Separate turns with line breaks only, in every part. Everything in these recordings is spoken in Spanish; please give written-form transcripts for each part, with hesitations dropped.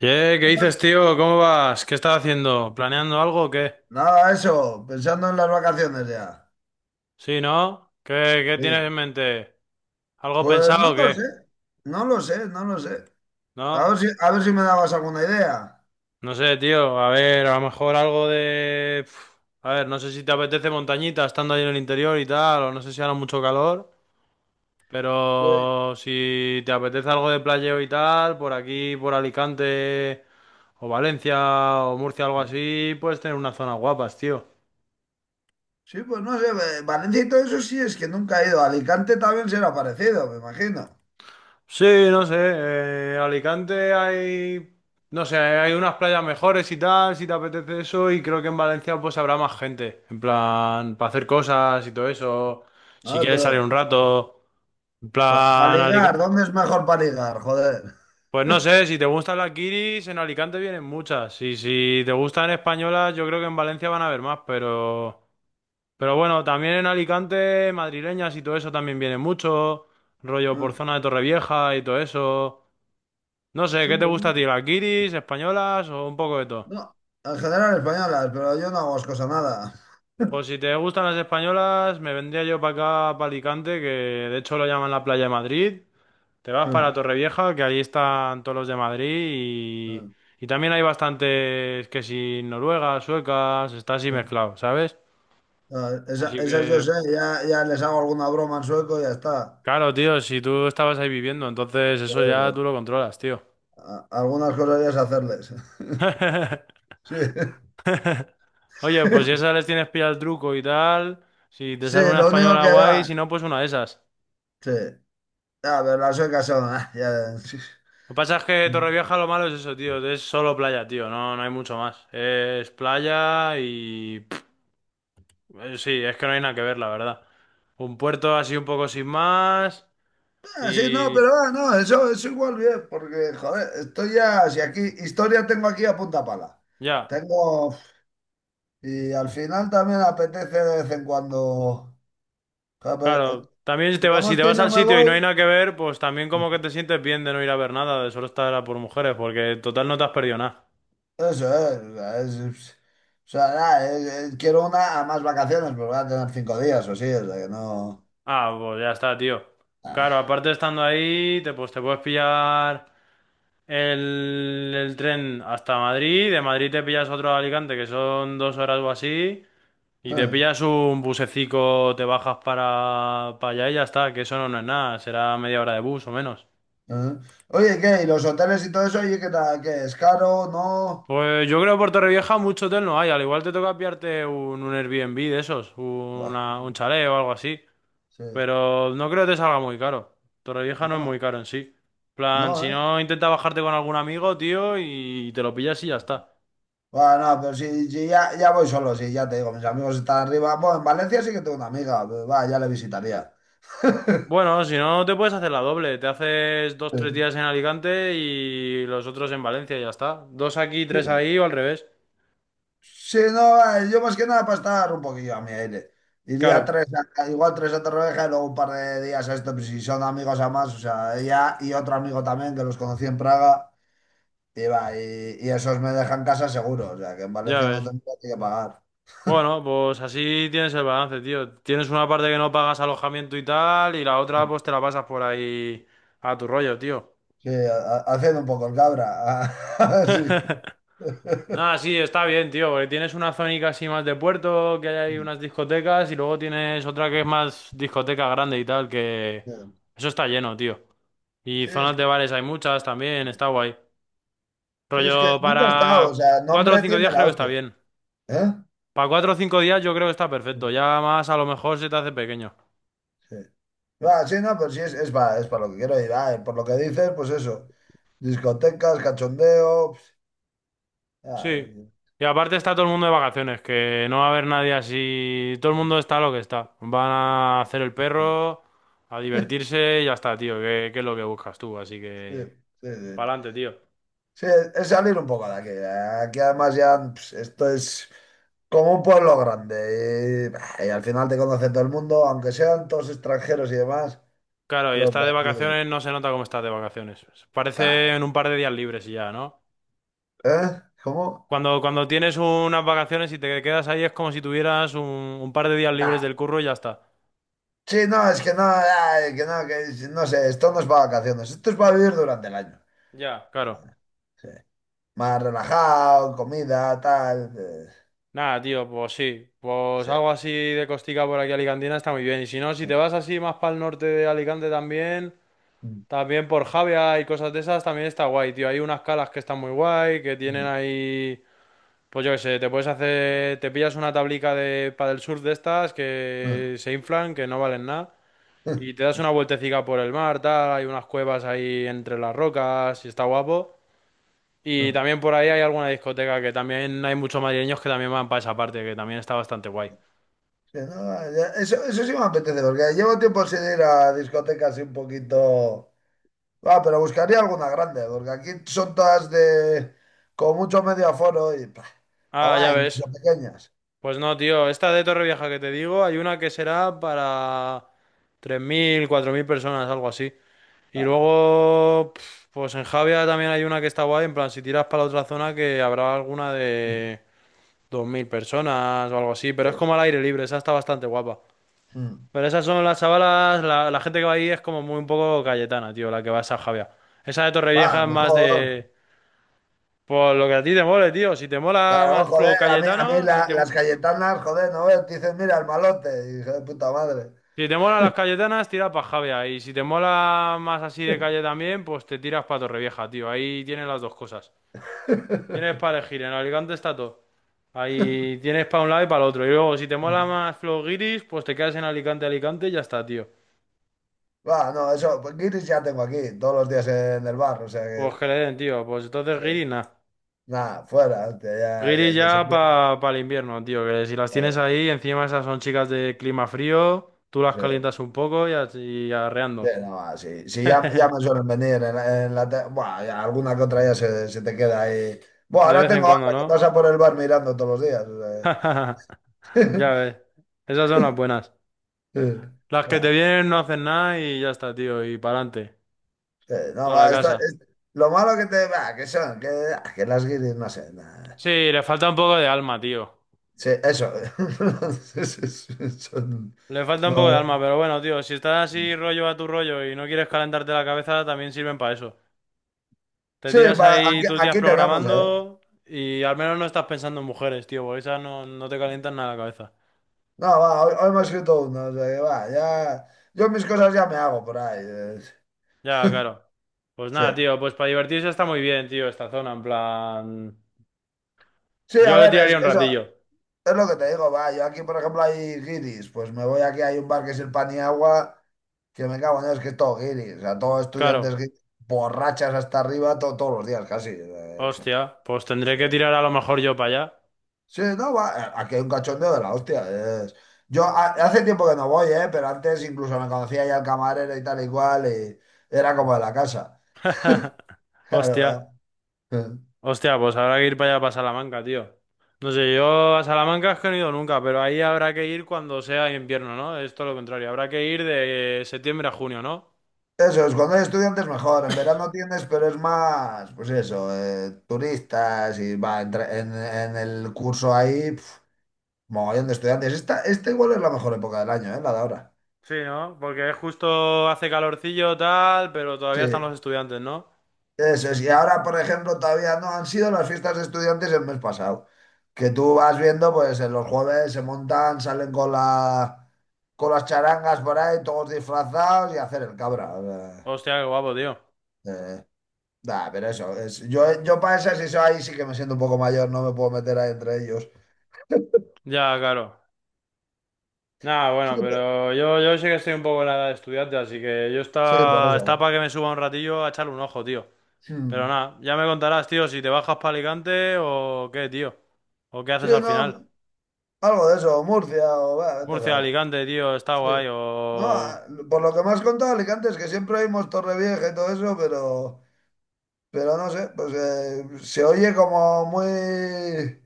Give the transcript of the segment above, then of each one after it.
Ye, ¿qué dices, tío? ¿Cómo vas? ¿Qué estás haciendo? ¿Planeando algo o qué?
Nada, eso, pensando en las vacaciones ya.
¿Sí, no? ¿Qué tienes en
Sí.
mente? ¿Algo
Pues no
pensado o
lo
qué?
sé, no lo sé, no lo sé. A
¿No?
ver si, a ver si me dabas alguna idea.
No sé, tío. A ver, a lo mejor algo de... Pf, a ver, no sé si te apetece montañita estando ahí en el interior y tal, o no sé si hará mucho calor,
Pues,
pero si te apetece algo de playeo y tal, por aquí, por Alicante, o Valencia, o Murcia, algo así, puedes tener unas zonas guapas, tío.
sí, pues no sé, Valencia y todo eso sí es que nunca he ido. Alicante también será parecido, me imagino.
Sí, no sé, Alicante hay, no sé, hay unas playas mejores y tal, si te apetece eso, y creo que en Valencia pues habrá más gente, en plan, para hacer cosas y todo eso,
A
si
ver,
quieres salir
pero
un rato, en
para
plan,
ligar,
Alicante,
¿dónde es mejor para ligar? Joder.
pues no sé, si te gustan las guiris, en Alicante vienen muchas, y si te gustan españolas, yo creo que en Valencia van a haber más, pero bueno, también en Alicante, madrileñas y todo eso también vienen mucho, rollo por
Mm.
zona de Torrevieja y todo eso. No sé,
Sí,
¿qué te
pues
gusta a ti?
mira.
¿Las guiris, españolas o un poco de todo?
No, en general españolas, pero yo no hago cosa nada.
Pues si te gustan las españolas, me vendría yo para acá, para Alicante, que de hecho lo llaman la playa de Madrid. Te vas para
Mm,
Torrevieja, que allí están todos los de Madrid y,
mm,
y también hay bastantes que si noruegas, suecas, está así
mm.
mezclado, ¿sabes?
Ah, Esa,
Así
esas yo
que,
sé, ya les hago alguna broma en sueco y ya está.
claro, tío, si tú estabas ahí viviendo, entonces eso ya tú
Bueno,
lo controlas, tío.
algunas cosas ya es hacerles. Sí.
Oye, pues si esas les tienes pillado el truco y tal, si te
Sí,
sale una
lo único
española
que
guay,
va.
si no, pues una de esas.
Sí. A ver, las suecas son. Sí.
Lo que pasa es que Torrevieja lo malo es eso, tío. Es solo playa, tío. No, no hay mucho más. Es playa y... pff, sí, es que no hay nada que ver, la verdad. Un puerto así un poco sin más
Ah, sí, no,
y...
pero no, eso es igual bien, porque, joder, estoy ya. Si aquí, historia tengo aquí a punta pala.
Ya,
Tengo. Y al final también apetece de vez en cuando. Joder, pero,
claro. También si te vas, si te
Donosti
vas
no
al
me
sitio y no hay
voy.
nada que ver, pues también como que te sientes bien de no ir a ver nada, de solo estar a por mujeres, porque total no te has perdido nada.
Eso es. O sea, o sea, nada, quiero una a más vacaciones, pero voy a tener 5 días o sí, o sea que no.
Ah, pues ya está, tío. Claro,
Ah.
aparte estando ahí, pues te puedes pillar... el tren hasta Madrid, de Madrid te pillas otro a Alicante, que son 2 horas o así, y te
Ah,
pillas un busecico, te bajas para allá y ya está, que eso no, no es nada, será media hora de bus o menos.
ah. Oye, ¿qué? ¿Y los hoteles y todo eso? Oye, ¿qué tal? ¿Qué? ¿Es caro? ¿No?
Pues yo creo que por Torrevieja mucho hotel no hay, al igual te toca pillarte un Airbnb de esos,
Buah,
una, un chalet o algo así,
sí.
pero no creo que te salga muy caro. Torrevieja no es muy
No,
caro en sí. Plan,
no,
si
¿eh?
no, intenta bajarte con algún amigo, tío, y te lo pillas y ya está.
Bueno, no, pero si ya voy solo, sí, ya te digo, mis amigos están arriba. Bueno, en Valencia sí que tengo una amiga, pero va, ya le visitaría.
Bueno, si no, te puedes hacer la doble. Te haces dos,
Sí,
tres días en Alicante y los otros en Valencia y ya está. Dos aquí,
sí,
tres ahí o al revés.
sí, no, yo más que nada para estar un poquillo a mi aire. Iría
Claro,
tres, igual tres a Torrevieja y luego un par de días a esto, pues, si son amigos a más, o sea, ella y otro amigo también que los conocí en Praga. Y, va, y esos me dejan casa seguro, o sea que en
ya
Valencia no
ves.
tendría que pagar.
Bueno, pues así tienes el balance, tío. Tienes una parte que no pagas alojamiento y tal, y la otra pues te la pasas por ahí a tu rollo, tío.
Sí, haciendo un poco el cabra.
Nada, sí, está bien, tío, porque tienes una zónica así más de puerto, que hay ahí unas discotecas, y luego tienes otra que es más discoteca grande y tal, que...
Sí.
Eso está lleno, tío. Y
Sí, es
zonas
que,
de bares hay muchas también, está guay.
sí, es que
Rollo
nunca he estado, o
para
sea,
cuatro o
nombre
cinco
tiene
días
la
creo que está
hostia.
bien.
¿Eh?
Para cuatro o cinco días yo creo que está perfecto. Ya más a lo mejor se te hace pequeño.
Sí. Va, sí, no, pues sí, es para lo que quiero ir. Ah, por lo que dices, pues eso. Discotecas, cachondeo. Ah,
Sí. Y aparte está todo el mundo de vacaciones, que no va a haber nadie así. Todo el mundo está lo que está. Van a hacer el
sí,
perro, a divertirse y ya está, tío. Que es lo que buscas tú. Así
sí,
que,
sí, sí.
pa'lante, tío.
Sí, es salir un poco de aquí. Aquí además ya esto es como un pueblo grande. Y, bah, y al final te conoce todo el mundo, aunque sean todos extranjeros y demás,
Claro, y
los de
estás de
aquí.
vacaciones, no se nota cómo estás de vacaciones. Parece
Tal.
en un par de días libres y ya, ¿no?
¿Eh? ¿Cómo?
Cuando tienes unas vacaciones y te quedas ahí es como si tuvieras un par de días libres
Nah.
del curro y ya está.
Sí, no, es que no, ay, que no, que no sé, esto no es para vacaciones, esto es para vivir durante el año.
Ya, claro.
Sí. Más relajado, comida, tal.
Nada, tío, pues sí. Pues
Sí.
algo así de costica por aquí alicantina está muy bien. Y si no, si te vas así más para el norte de Alicante también, también por Javea y cosas de esas, también está guay, tío. Hay unas calas que están muy guay, que
Mm,
tienen
mm,
ahí... Pues yo qué sé, te puedes hacer... Te pillas una tablica de del surf de estas
mm,
que se inflan, que no valen nada.
mm,
Y te das una vueltecica por el mar, tal, hay unas cuevas ahí entre las rocas y está guapo. Y
mm.
también por ahí hay alguna discoteca que también hay muchos madrileños que también van para esa parte, que también está bastante guay.
Sí, no, eso, eso sí me apetece, porque llevo tiempo sin ir a discotecas y un poquito. Ah, pero buscaría alguna grande, porque aquí son todas de con mucho medio aforo y pah, o
Ah,
va,
ya
incluso
ves.
pequeñas.
Pues no, tío, esta de Torrevieja que te digo, hay una que será para 3.000 4.000 personas, algo así. Y
Ah,
luego, pf, pues en Javia también hay una que está guay, en plan, si tiras para la otra zona que habrá alguna
sí,
de 2.000 personas o algo así, pero
sí.
es como al aire libre, esa está bastante guapa.
Mm.
Pero esas son las chavalas, la gente que va ahí es como muy un poco cayetana, tío, la que va a San Javier. Esa de
Va,
Torrevieja es más
mejor.
de... Por lo que a ti te mole, tío. Si te mola
Claro,
más
joder,
flow
a mí
cayetano,
las cayetanas, joder, no ves, te dicen, mira, el malote, y hijo de puta madre.
si te mola las cayetanas, tira para Javia. Y si te mola más así de calle también, pues te tiras para Torrevieja, tío. Ahí tienes las dos cosas. Tienes para elegir, en Alicante está todo. Ahí tienes para un lado y para el otro. Y luego, si te mola
Mm.
más flow guiris, pues te quedas en Alicante, Alicante y ya está, tío.
Va, no, eso, pues guiris ya tengo aquí, todos los días en el bar, o sea
Pues
que,
que le den, tío. Pues entonces
sí.
guiris, nada.
Nada, fuera, hostia, ya,
Guiri
que se
ya
quede.
para el invierno, tío, que si las tienes
Eh,
ahí, encima esas son chicas de clima frío, tú las
sí.
calientas un poco y, así- y
Sí,
arreando.
no, sí, sí, ya, ya me suelen venir Buah, ya alguna que otra ya se te queda ahí. Bueno,
De
ahora
vez en
tengo
cuando,
otra que
¿no?
pasa por el bar mirando todos los días. O sea.
Ya ves, esas son las buenas.
Sí.
Las que te
Ah,
vienen no hacen nada y ya está, tío, y para adelante,
sí, no,
para la
va,
casa.
lo malo que te va, que son, que las guiris, no sé, nada.
Sí, le falta un poco de alma, tío.
Sí, eso. Sí, sí, sí,
Le falta un poco de
no.
alma, pero bueno, tío, si estás así rollo a tu rollo y no quieres calentarte la cabeza, también sirven para eso. Te
Sí,
tiras
va,
ahí
aquí,
tus días
aquí tenemos, ¿eh?
programando y al menos no estás pensando en mujeres, tío, porque esas no, no te calientan nada la cabeza.
No, va, hoy me he escrito uno, o sea que va, ya. Yo mis cosas ya me hago por ahí.
Ya, claro. Pues
Sí.
nada, tío, pues para divertirse está muy bien, tío, esta zona, en plan...
Sí, a
Yo le
ver,
tiraría un
eso,
ratillo.
es lo que te digo, va, yo aquí, por ejemplo, hay guiris, pues me voy aquí, hay un bar que es el pan y agua, que me cago en Dios, que es todo guiris, o sea, todos estudiantes
Claro.
guiris, borrachas hasta arriba todos los días, casi.
Hostia, pues tendré
Sí.
que tirar a lo mejor yo para
Sí, no, va, aquí hay un cachondeo de la hostia. es- Yo hace tiempo que no voy, pero antes incluso me conocía ya el camarero y tal y cual, y era como de la casa.
allá.
Claro,
Hostia,
¿verdad?
hostia, pues habrá que ir para allá, para Salamanca, tío. No sé, yo a Salamanca es que no he ido nunca, pero ahí habrá que ir cuando sea invierno, ¿no? Es todo lo contrario, habrá que ir de septiembre a junio, ¿no?
Eso es, cuando hay estudiantes mejor, en verano tienes, pero es más, pues eso, turistas y va, en el curso ahí, mogollón de estudiantes. Esta igual es la mejor época del año, ¿eh? La de ahora.
Sí, ¿no? Porque justo hace calorcillo tal, pero
Sí,
todavía están los estudiantes, ¿no?
eso es. Y ahora, por ejemplo, todavía no han sido las fiestas de estudiantes el mes pasado. Que tú vas viendo, pues en los jueves se montan, salen con las charangas por ahí, todos disfrazados y a hacer el cabra. O sea.
Hostia, qué guapo, tío.
eh, Nah, pero eso, yo para esas, eso ahí sí que me siento un poco mayor, no me puedo meter ahí entre ellos.
Ya, claro. Nada,
Sí,
bueno, pero yo sé que estoy un poco en la edad de estudiante, así que yo
sí, por
está, está
eso.
para que me suba un ratillo a echarle un ojo, tío.
¿Eh?
Pero
Hmm.
nada, ya me contarás, tío, si te bajas para Alicante o qué, tío. O qué
Sí,
haces al final.
no, algo de eso, Murcia o va vete a
Murcia,
saber.
Alicante, tío, está
Sí.
guay,
No,
o...
ah, por lo que me has contado, Alicante, es que siempre oímos Torrevieja y todo eso, pero no sé, pues se oye como muy.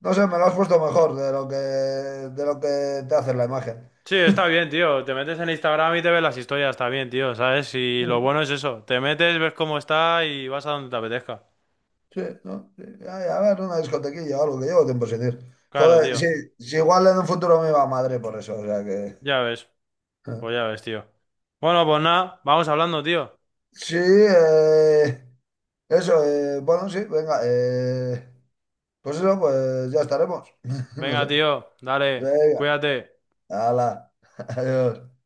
No sé, me lo has puesto mejor de lo que te hace la imagen.
Sí, está bien, tío. Te metes en Instagram y te ves las historias, está bien, tío, ¿sabes? Y lo bueno es eso. Te metes, ves cómo está y vas a donde te apetezca.
Sí, ¿no? Sí. Ay, a ver, una discotequilla o algo, que llevo tiempo sin ir.
Claro,
Joder, sí,
tío.
sí, igual en un futuro me va a Madrid por eso, o sea que.
Ya ves. Pues
¿Eh?
ya ves, tío. Bueno, pues nada, vamos hablando, tío.
Sí, eso, bueno, sí, venga, pues eso, pues ya estaremos, no
Venga,
sé.
tío, dale,
Venga,
cuídate.
hala, adiós.